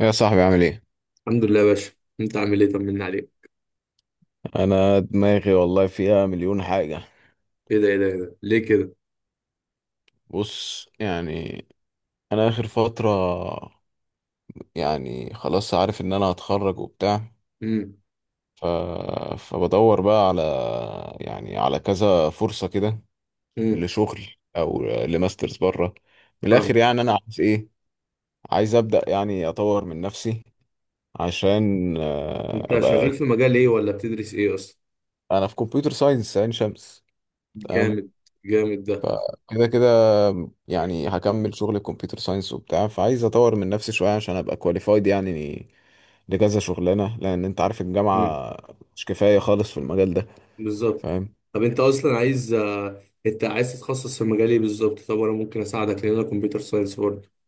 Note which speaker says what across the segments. Speaker 1: يا صاحبي، عامل ايه؟
Speaker 2: الحمد لله يا باشا. انت عامل ايه؟ طمنا عليك.
Speaker 1: انا دماغي والله فيها مليون حاجة.
Speaker 2: ايه ده ايه ده ايه ده ليه كده؟
Speaker 1: بص، يعني انا اخر فترة، يعني خلاص عارف ان انا هتخرج وبتاع.
Speaker 2: امم
Speaker 1: ف... فبدور بقى على، يعني على كذا فرصة كده،
Speaker 2: امم
Speaker 1: لشغل او لماسترز بره. من الاخر
Speaker 2: فاهم.
Speaker 1: يعني انا عايز ايه؟ عايز ابدأ يعني اطور من نفسي عشان
Speaker 2: انت
Speaker 1: ابقى.
Speaker 2: شغال في مجال ايه ولا بتدرس ايه اصلا؟
Speaker 1: انا في كمبيوتر ساينس عين شمس. تمام.
Speaker 2: جامد. جامد ده.
Speaker 1: كده كده يعني هكمل شغل كمبيوتر ساينس وبتاع، فعايز اطور من نفسي شويه عشان ابقى كواليفايد يعني لكذا شغلانه، لان انت عارف
Speaker 2: امم
Speaker 1: الجامعه مش كفايه خالص في المجال ده.
Speaker 2: بالظبط.
Speaker 1: فاهم.
Speaker 2: طب انت اصلا عايز، انت عايز تتخصص في مجال ايه بالظبط؟ طب انا ممكن اساعدك لان انا كمبيوتر ساينس برضه.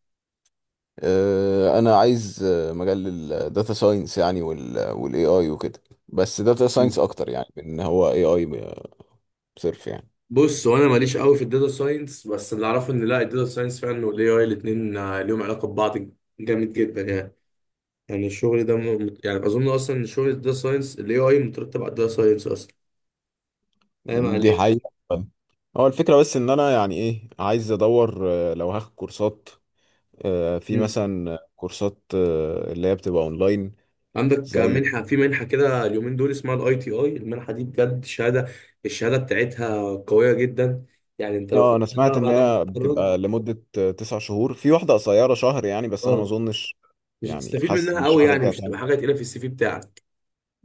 Speaker 1: انا عايز مجال الداتا ساينس يعني والاي اي وكده، بس داتا ساينس
Speaker 2: مم.
Speaker 1: اكتر يعني من ان هو اي اي صرف يعني.
Speaker 2: بص، وانا ماليش قوي في الداتا ساينس، بس اللي اعرفه ان لا الداتا ساينس فعلا والاي اي الاثنين ليهم علاقه ببعض، جامد جدا يعني. يعني الشغل ده يعني اظن اصلا ان شغل الداتا ساينس الاي اي مترتب على الداتا ساينس اصلا. فاهم
Speaker 1: دي
Speaker 2: عليك.
Speaker 1: حقيقه. هو الفكره بس ان انا يعني ايه، عايز ادور لو هاخد كورسات، في
Speaker 2: مم.
Speaker 1: مثلا كورسات اللي هي بتبقى اونلاين.
Speaker 2: عندك
Speaker 1: زي
Speaker 2: منحة، في منحة كده اليومين دول اسمها الاي تي اي، المنحة دي بجد شهادة، الشهادة بتاعتها قوية جدا يعني. انت لو
Speaker 1: اه، انا سمعت
Speaker 2: خدتها
Speaker 1: ان
Speaker 2: بعد ما
Speaker 1: هي
Speaker 2: تتخرج.
Speaker 1: بتبقى لمدة 9 شهور، في واحدة قصيرة شهر يعني، بس انا ما
Speaker 2: اه،
Speaker 1: اظنش.
Speaker 2: مش
Speaker 1: يعني
Speaker 2: هتستفيد
Speaker 1: حاسس ان
Speaker 2: منها قوي
Speaker 1: الشهر
Speaker 2: يعني،
Speaker 1: ده
Speaker 2: مش
Speaker 1: هتعمل.
Speaker 2: هتبقى حاجة تقيلة في السي في بتاعك.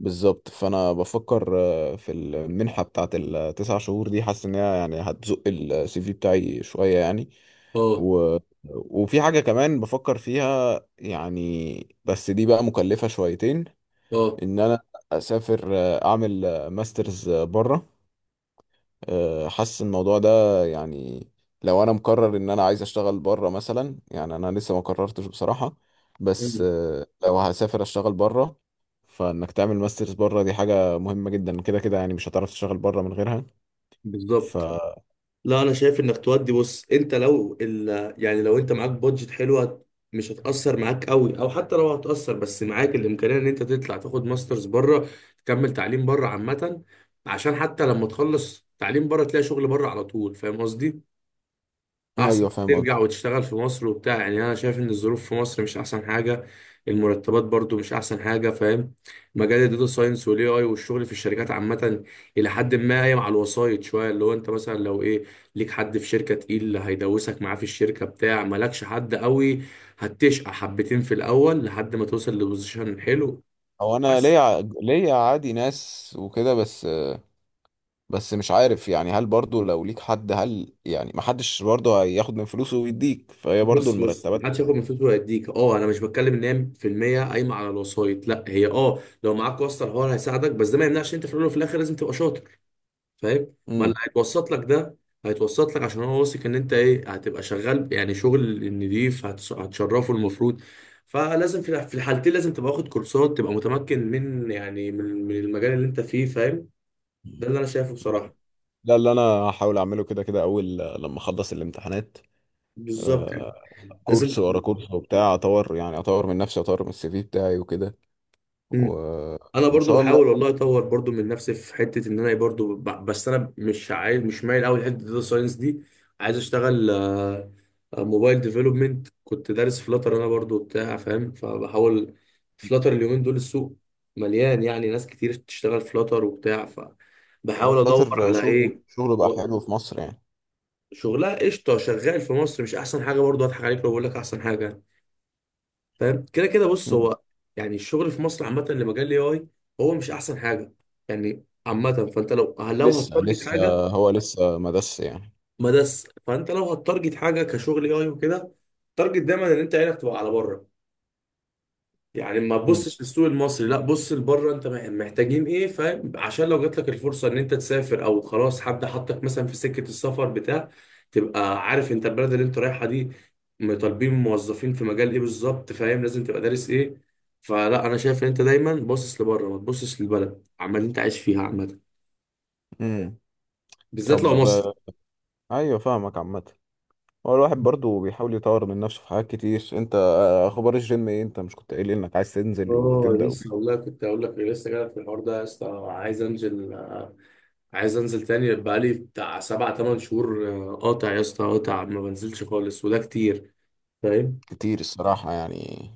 Speaker 1: بالظبط، فانا بفكر في المنحة بتاعت التسع شهور دي، حاسس ان هي يعني هتزق السي في بتاعي شوية يعني.
Speaker 2: اه.
Speaker 1: و... وفي حاجة كمان بفكر فيها يعني، بس دي بقى مكلفة شويتين.
Speaker 2: اه.
Speaker 1: ان انا اسافر، اعمل ماسترز بره. حاسس الموضوع ده يعني، لو انا مقرر ان انا عايز اشتغل بره مثلا يعني. انا لسه ما قررتش بصراحة، بس
Speaker 2: مم.
Speaker 1: لو هسافر اشتغل بره، فانك تعمل ماسترز بره دي حاجة مهمة جدا كده كده، يعني مش هتعرف تشتغل بره من غيرها. ف
Speaker 2: بالظبط. لا انا شايف انك تودي. بص، انت لو يعني لو انت معاك بادجت حلوه، مش هتأثر معاك قوي، او حتى لو هتأثر بس معاك الامكانيه ان انت تطلع تاخد ماسترز بره، تكمل تعليم بره عامه، عشان حتى لما تخلص تعليم بره تلاقي شغل بره على طول. فاهم قصدي؟ احسن
Speaker 1: ايوه
Speaker 2: ما
Speaker 1: فاهم
Speaker 2: ترجع
Speaker 1: قصدي.
Speaker 2: وتشتغل في مصر وبتاع. يعني انا شايف ان الظروف في مصر مش احسن حاجه. المرتبات برضو مش احسن حاجه. فاهم؟ مجال الداتا ساينس والاي اي والشغل في الشركات عامه، الى حد ما قايم على الوسايط شويه. اللي هو انت مثلا لو ايه، ليك حد في شركه تقيل هيدوسك معاه في الشركه بتاع، مالكش حد قوي هتشقى حبتين في الاول لحد ما توصل لبوزيشن حلو.
Speaker 1: هو انا
Speaker 2: بس.
Speaker 1: ليا ليا عادي ناس وكده، بس مش عارف يعني هل برضو لو ليك حد هل يعني ما حدش برضو هياخد من فلوسه ويديك، فهي برضو
Speaker 2: بص بص،
Speaker 1: المرتبات.
Speaker 2: محدش ياخد من فلوسه ويديك. اه انا مش بتكلم ان هي في المية قايمه على الوسايط، لا هي اه لو معاك واسطه الحوار هيساعدك، بس ده ما يمنعش انت في الاول وفي الاخر لازم تبقى شاطر. فاهم؟ ما اللي
Speaker 1: امم.
Speaker 2: هيتوسط لك ده هيتوسط لك عشان هو واثق ان انت ايه، هتبقى شغال يعني شغل نضيف، هتشرفه المفروض. فلازم في في الحالتين لازم تبقى واخد كورسات، تبقى متمكن من يعني من المجال اللي انت فيه. فاهم؟ ده اللي انا شايفه بصراحه.
Speaker 1: ده اللي انا هحاول اعمله كده كده اول لما اخلص الامتحانات.
Speaker 2: بالظبط.
Speaker 1: آه،
Speaker 2: لازم
Speaker 1: كورس ورا
Speaker 2: تبقى-
Speaker 1: كورس وبتاع، اطور يعني اطور من نفسي، اطور من السي في بتاعي وكده. و...
Speaker 2: انا
Speaker 1: وان
Speaker 2: برضو
Speaker 1: شاء الله.
Speaker 2: بحاول والله اطور برضو من نفسي في حته ان انا إيه، برضو بس انا مش عايز، مش مايل قوي لحته الداتا ساينس دي. عايز اشتغل موبايل ديفلوبمنت، كنت دارس فلاتر انا برضو بتاع. فاهم؟ فبحاول. فلاتر اليومين دول السوق مليان يعني، ناس كتير تشتغل فلاتر وبتاع
Speaker 1: هو
Speaker 2: فبحاول ادور
Speaker 1: فلاتر
Speaker 2: على
Speaker 1: شغل
Speaker 2: ايه.
Speaker 1: شغله بقى حلو في مصر يعني.
Speaker 2: شغلها قشطه شغال في مصر، مش احسن حاجه برضو، هضحك عليك لو بقول لك احسن حاجه. فاهم؟ كده كده بص،
Speaker 1: مم.
Speaker 2: هو يعني الشغل في مصر عامه اللي مجال الاي اي هو مش احسن حاجه يعني عامه. فانت لو
Speaker 1: لسه
Speaker 2: هتارجت
Speaker 1: لسه،
Speaker 2: حاجه،
Speaker 1: هو لسه مدس يعني.
Speaker 2: ما دس، فانت لو هتارجت حاجه كشغل اي اي وكده، تارجت دايما ان انت عينك تبقى على بره. يعني ما
Speaker 1: مم.
Speaker 2: تبصش للسوق المصري، لا بص لبره انت محتاجين ايه. فاهم؟ عشان لو جات لك الفرصه ان انت تسافر، او خلاص حد حطك مثلا في سكه السفر بتاع، تبقى عارف انت البلد اللي انت رايحها دي طالبين موظفين في مجال ايه بالظبط. فاهم؟ لازم تبقى دارس ايه. فلا انا شايف ان انت دايما باصص لبره، ما تبصش للبلد عمال اللي انت عايش فيها عامه،
Speaker 1: مم.
Speaker 2: بالذات لو
Speaker 1: طب
Speaker 2: مصر.
Speaker 1: ايوه فاهمك عامه. هو الواحد برضو بيحاول يطور من نفسه في حاجات كتير. انت اخبار الجيم ايه؟ انت مش كنت قايل انك عايز تنزل
Speaker 2: اه
Speaker 1: وتبدأ وكده؟
Speaker 2: لسه والله، كنت هقول لك لسه جاي في الحوار ده يا اسطى. عايز انزل، عايز انزل تاني، بقالي بتاع 7 8 شهور قاطع يا اسطى، قاطع، ما بنزلش خالص وده كتير. فاهم؟
Speaker 1: كتير الصراحه يعني.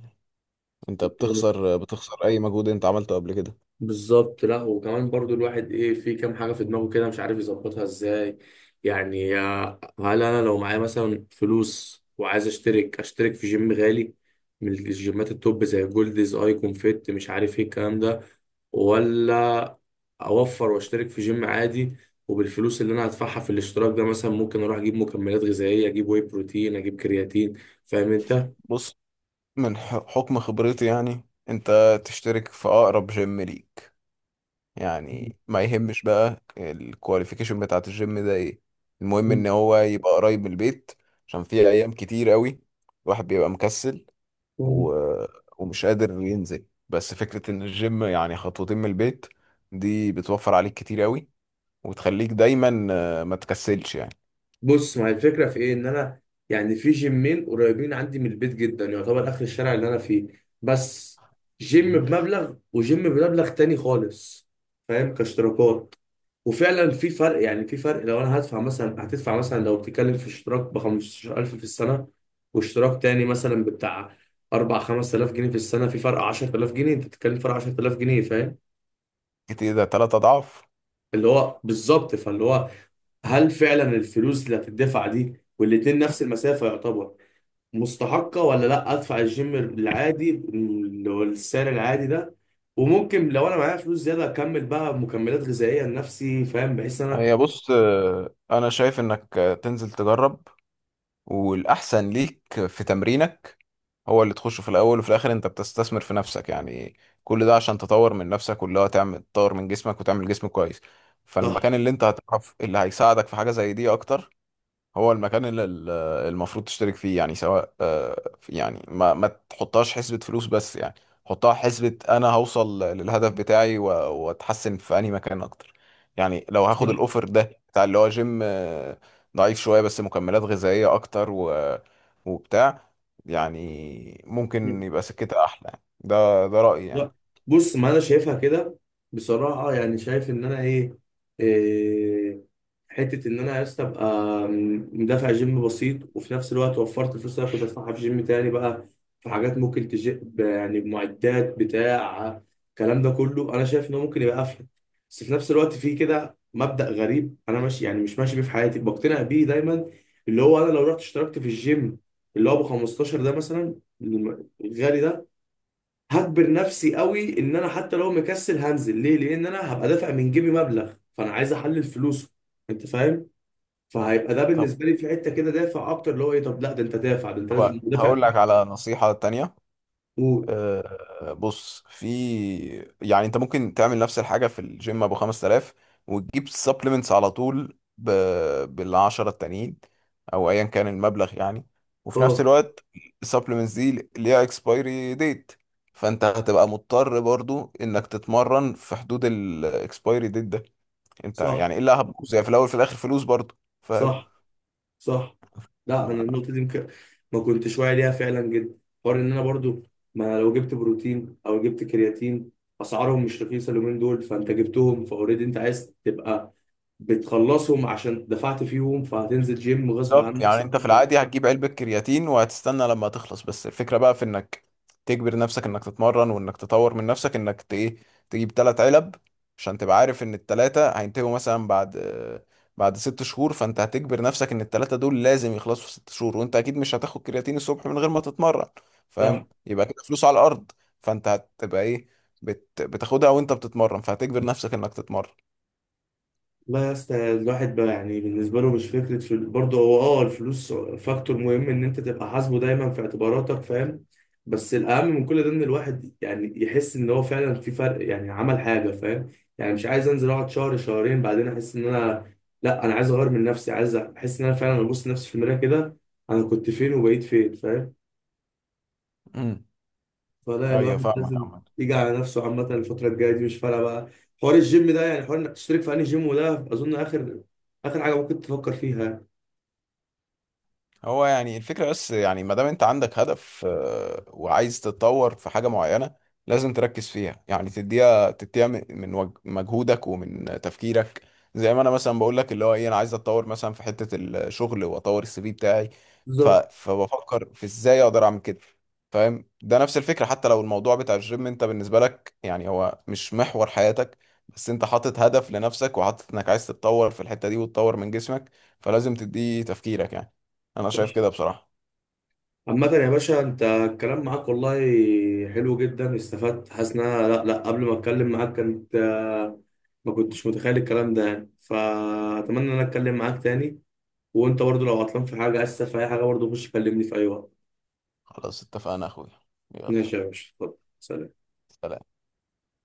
Speaker 1: انت بتخسر اي مجهود انت عملته قبل كده.
Speaker 2: بالظبط. لا وكمان برضو الواحد ايه، في كام حاجه في دماغه كده مش عارف يظبطها ازاي. يعني هل انا لو معايا مثلا فلوس وعايز اشترك، اشترك في جيم غالي من الجيمات التوب زي جولدز، ايكون فيت، مش عارف ايه الكلام ده، ولا اوفر واشترك في جيم عادي، وبالفلوس اللي انا هدفعها في الاشتراك ده مثلا ممكن اروح اجيب مكملات غذائيه، اجيب واي بروتين، اجيب كرياتين. فاهم؟
Speaker 1: بص، من حكم خبرتي يعني، انت تشترك في اقرب جيم ليك. يعني ما يهمش بقى الكواليفيكيشن بتاعت الجيم ده ايه، المهم ان
Speaker 2: انت.
Speaker 1: هو يبقى قريب من البيت. عشان في ايام كتير قوي الواحد بيبقى مكسل و... ومش قادر ينزل، بس فكرة ان الجيم يعني خطوتين من البيت دي بتوفر عليك كتير قوي وتخليك دايما ما تكسلش يعني.
Speaker 2: بص، ما هي الفكره في ايه، ان انا يعني في جيمين قريبين عندي من البيت جدا، يعتبر اخر الشارع اللي انا فيه. بس جيم
Speaker 1: مم.
Speaker 2: بمبلغ وجيم بمبلغ تاني خالص. فاهم؟ كاشتراكات. وفعلا في فرق يعني، في فرق لو انا هدفع مثلا، هتدفع مثلا لو بتتكلم في اشتراك ب 15000 في السنه، واشتراك تاني مثلا بتاع 4 5000 جنيه في السنه، في فرق 10000 جنيه، انت بتتكلم في فرق 10000 جنيه. فاهم؟
Speaker 1: كتير، ده 3 اضعاف.
Speaker 2: اللي هو بالظبط، فاللي هو هل فعلا الفلوس اللي هتدفع دي، والاتنين نفس المسافه يعتبر، مستحقة ولا لا ادفع الجيم العادي اللي هو السعر العادي ده، وممكن لو انا معايا فلوس زيادة اكمل بقى مكملات غذائية لنفسي. فاهم؟ بحيث إن انا.
Speaker 1: هي بص، انا شايف انك تنزل تجرب. والاحسن ليك في تمرينك هو اللي تخشه، في الاول وفي الاخر انت بتستثمر في نفسك يعني. كل ده عشان تطور من نفسك، واللي هو تعمل تطور من جسمك وتعمل جسم كويس.
Speaker 2: صح.
Speaker 1: فالمكان اللي انت هتعرف اللي هيساعدك في حاجة زي دي اكتر هو المكان اللي المفروض تشترك فيه يعني. سواء يعني ما تحطهاش حسبة فلوس بس يعني، حطها حسبة انا هوصل للهدف بتاعي واتحسن في انهي مكان اكتر. يعني لو
Speaker 2: صح.
Speaker 1: هاخد الاوفر ده بتاع اللي هو جيم ضعيف شوية، بس مكملات غذائية اكتر وبتاع، يعني ممكن يبقى سكتها احلى يعني. ده رأيي يعني.
Speaker 2: لا بص، ما انا شايفها كده بصراحه. يعني شايف ان انا ايه, إيه، حته ان انا يا اسطى ابقى مدافع جيم بسيط وفي نفس الوقت وفرت الفلوس اللي أنا كنت ادفعها في جيم تاني بقى، في حاجات ممكن تجيب يعني معدات بتاع الكلام ده كله، انا شايف انه ممكن يبقى افيد. بس في نفس الوقت في كده مبدأ غريب انا ماشي، يعني مش ماشي بيه في حياتي بقتنع بيه دايما، اللي هو انا لو رحت اشتركت في الجيم اللي هو ب 15 ده مثلا، الغالي ده، هجبر نفسي قوي ان انا حتى لو مكسل هنزل ليه، لان انا هبقى دافع من جيبي مبلغ فانا عايز احلل فلوسه. انت فاهم؟ فهيبقى ده
Speaker 1: طب
Speaker 2: بالنسبه لي في حته كده دافع اكتر، اللي هو ايه، طب لا ده انت دافع، ده انت
Speaker 1: طب
Speaker 2: لازم دافع
Speaker 1: هقول
Speaker 2: فلوس.
Speaker 1: لك على نصيحة تانية.
Speaker 2: قول.
Speaker 1: بص، في يعني انت ممكن تعمل نفس الحاجه في الجيم ابو 5000 وتجيب سبلمنتس على طول بالعشرة التانيين او ايا كان المبلغ يعني. وفي نفس
Speaker 2: اه.
Speaker 1: الوقت السبلمنتس دي ليها اكسبايري ديت، فانت هتبقى مضطر برضو انك تتمرن في حدود الاكسبايري ديت ده. انت
Speaker 2: صح.
Speaker 1: يعني الا هتبوظ يعني، في الاول في الاخر فلوس برضو. فاهم.
Speaker 2: صح. صح. لا انا
Speaker 1: آه.
Speaker 2: النقطه دي ممكن ما كنتش واعي ليها فعلا جدا. حوار ان انا برضو ما، لو جبت بروتين او جبت كرياتين، اسعارهم مش رخيصه اليومين دول، فانت جبتهم فاوريدي انت عايز تبقى بتخلصهم عشان دفعت فيهم، فهتنزل جيم غصب
Speaker 1: بالظبط،
Speaker 2: عنك.
Speaker 1: يعني
Speaker 2: صح.
Speaker 1: انت في العادي هتجيب علبة كرياتين وهتستنى لما تخلص، بس الفكرة بقى في انك تجبر نفسك انك تتمرن وانك تطور من نفسك، انك ايه، تجيب 3 علب عشان تبقى عارف ان التلاتة هينتهوا مثلا بعد بعد 6 شهور، فانت هتجبر نفسك ان التلاتة دول لازم يخلصوا في 6 شهور، وانت اكيد مش هتاخد كرياتين الصبح من غير ما تتمرن.
Speaker 2: صح.
Speaker 1: فاهم، يبقى كده فلوس على الارض. فانت هتبقى ايه، بتاخدها وانت بتتمرن، فهتجبر نفسك انك تتمرن.
Speaker 2: لا يا اسطى الواحد بقى يعني بالنسبه له مش فكره في برضه هو، اه الفلوس فاكتور مهم ان انت تبقى حاسبه دايما في اعتباراتك. فاهم؟ بس الاهم من كل ده ان الواحد يعني يحس ان هو فعلا في فرق، يعني عمل حاجه. فاهم؟ يعني مش عايز انزل اقعد شهر شهرين بعدين احس ان انا، لا انا عايز اغير من نفسي، عايز احس ان انا فعلا ابص لنفسي في المرايه كده، انا كنت فين وبقيت فين. فاهم؟
Speaker 1: امم،
Speaker 2: فلا
Speaker 1: ايوه
Speaker 2: الواحد
Speaker 1: فاهمك.
Speaker 2: لازم يجي على نفسه عامة. الفترة الجاية دي مش فارقة بقى حوار الجيم ده، يعني حوار انك تشترك في انهي جيم، وده اظن اخر اخر حاجة ممكن تفكر فيها.
Speaker 1: هو يعني الفكرة بس، يعني ما دام انت عندك هدف وعايز تتطور في حاجة معينة لازم تركز فيها. يعني تديها من مجهودك ومن تفكيرك. زي ما انا مثلا بقول لك اللي هو ايه، انا عايز اتطور مثلا في حتة الشغل واطور السي في بتاعي.
Speaker 2: بالظبط.
Speaker 1: فبفكر في ازاي اقدر اعمل كده. فاهم، ده نفس الفكرة. حتى لو الموضوع بتاع الجيم انت بالنسبة لك يعني هو مش محور حياتك، بس انت حاطط هدف لنفسك وحاطط انك عايز تتطور في الحتة دي وتطور من جسمك، فلازم تديه تفكيرك يعني. انا شايف
Speaker 2: صح.
Speaker 1: كده بصراحة.
Speaker 2: عامة يا باشا انت الكلام معاك والله حلو جدا، استفدت، حاسس ان انا لا لا قبل ما اتكلم معاك كنت ما كنتش متخيل الكلام ده يعني. فاتمنى ان انا اتكلم معاك تاني، وانت برضو لو عطلان في حاجة، اسف، في اي حاجة برضو، خش كلمني في اي وقت.
Speaker 1: خلاص اتفقنا يا اخويا. يلا.
Speaker 2: ماشي يا باشا، اتفضل، سلام.
Speaker 1: سلام.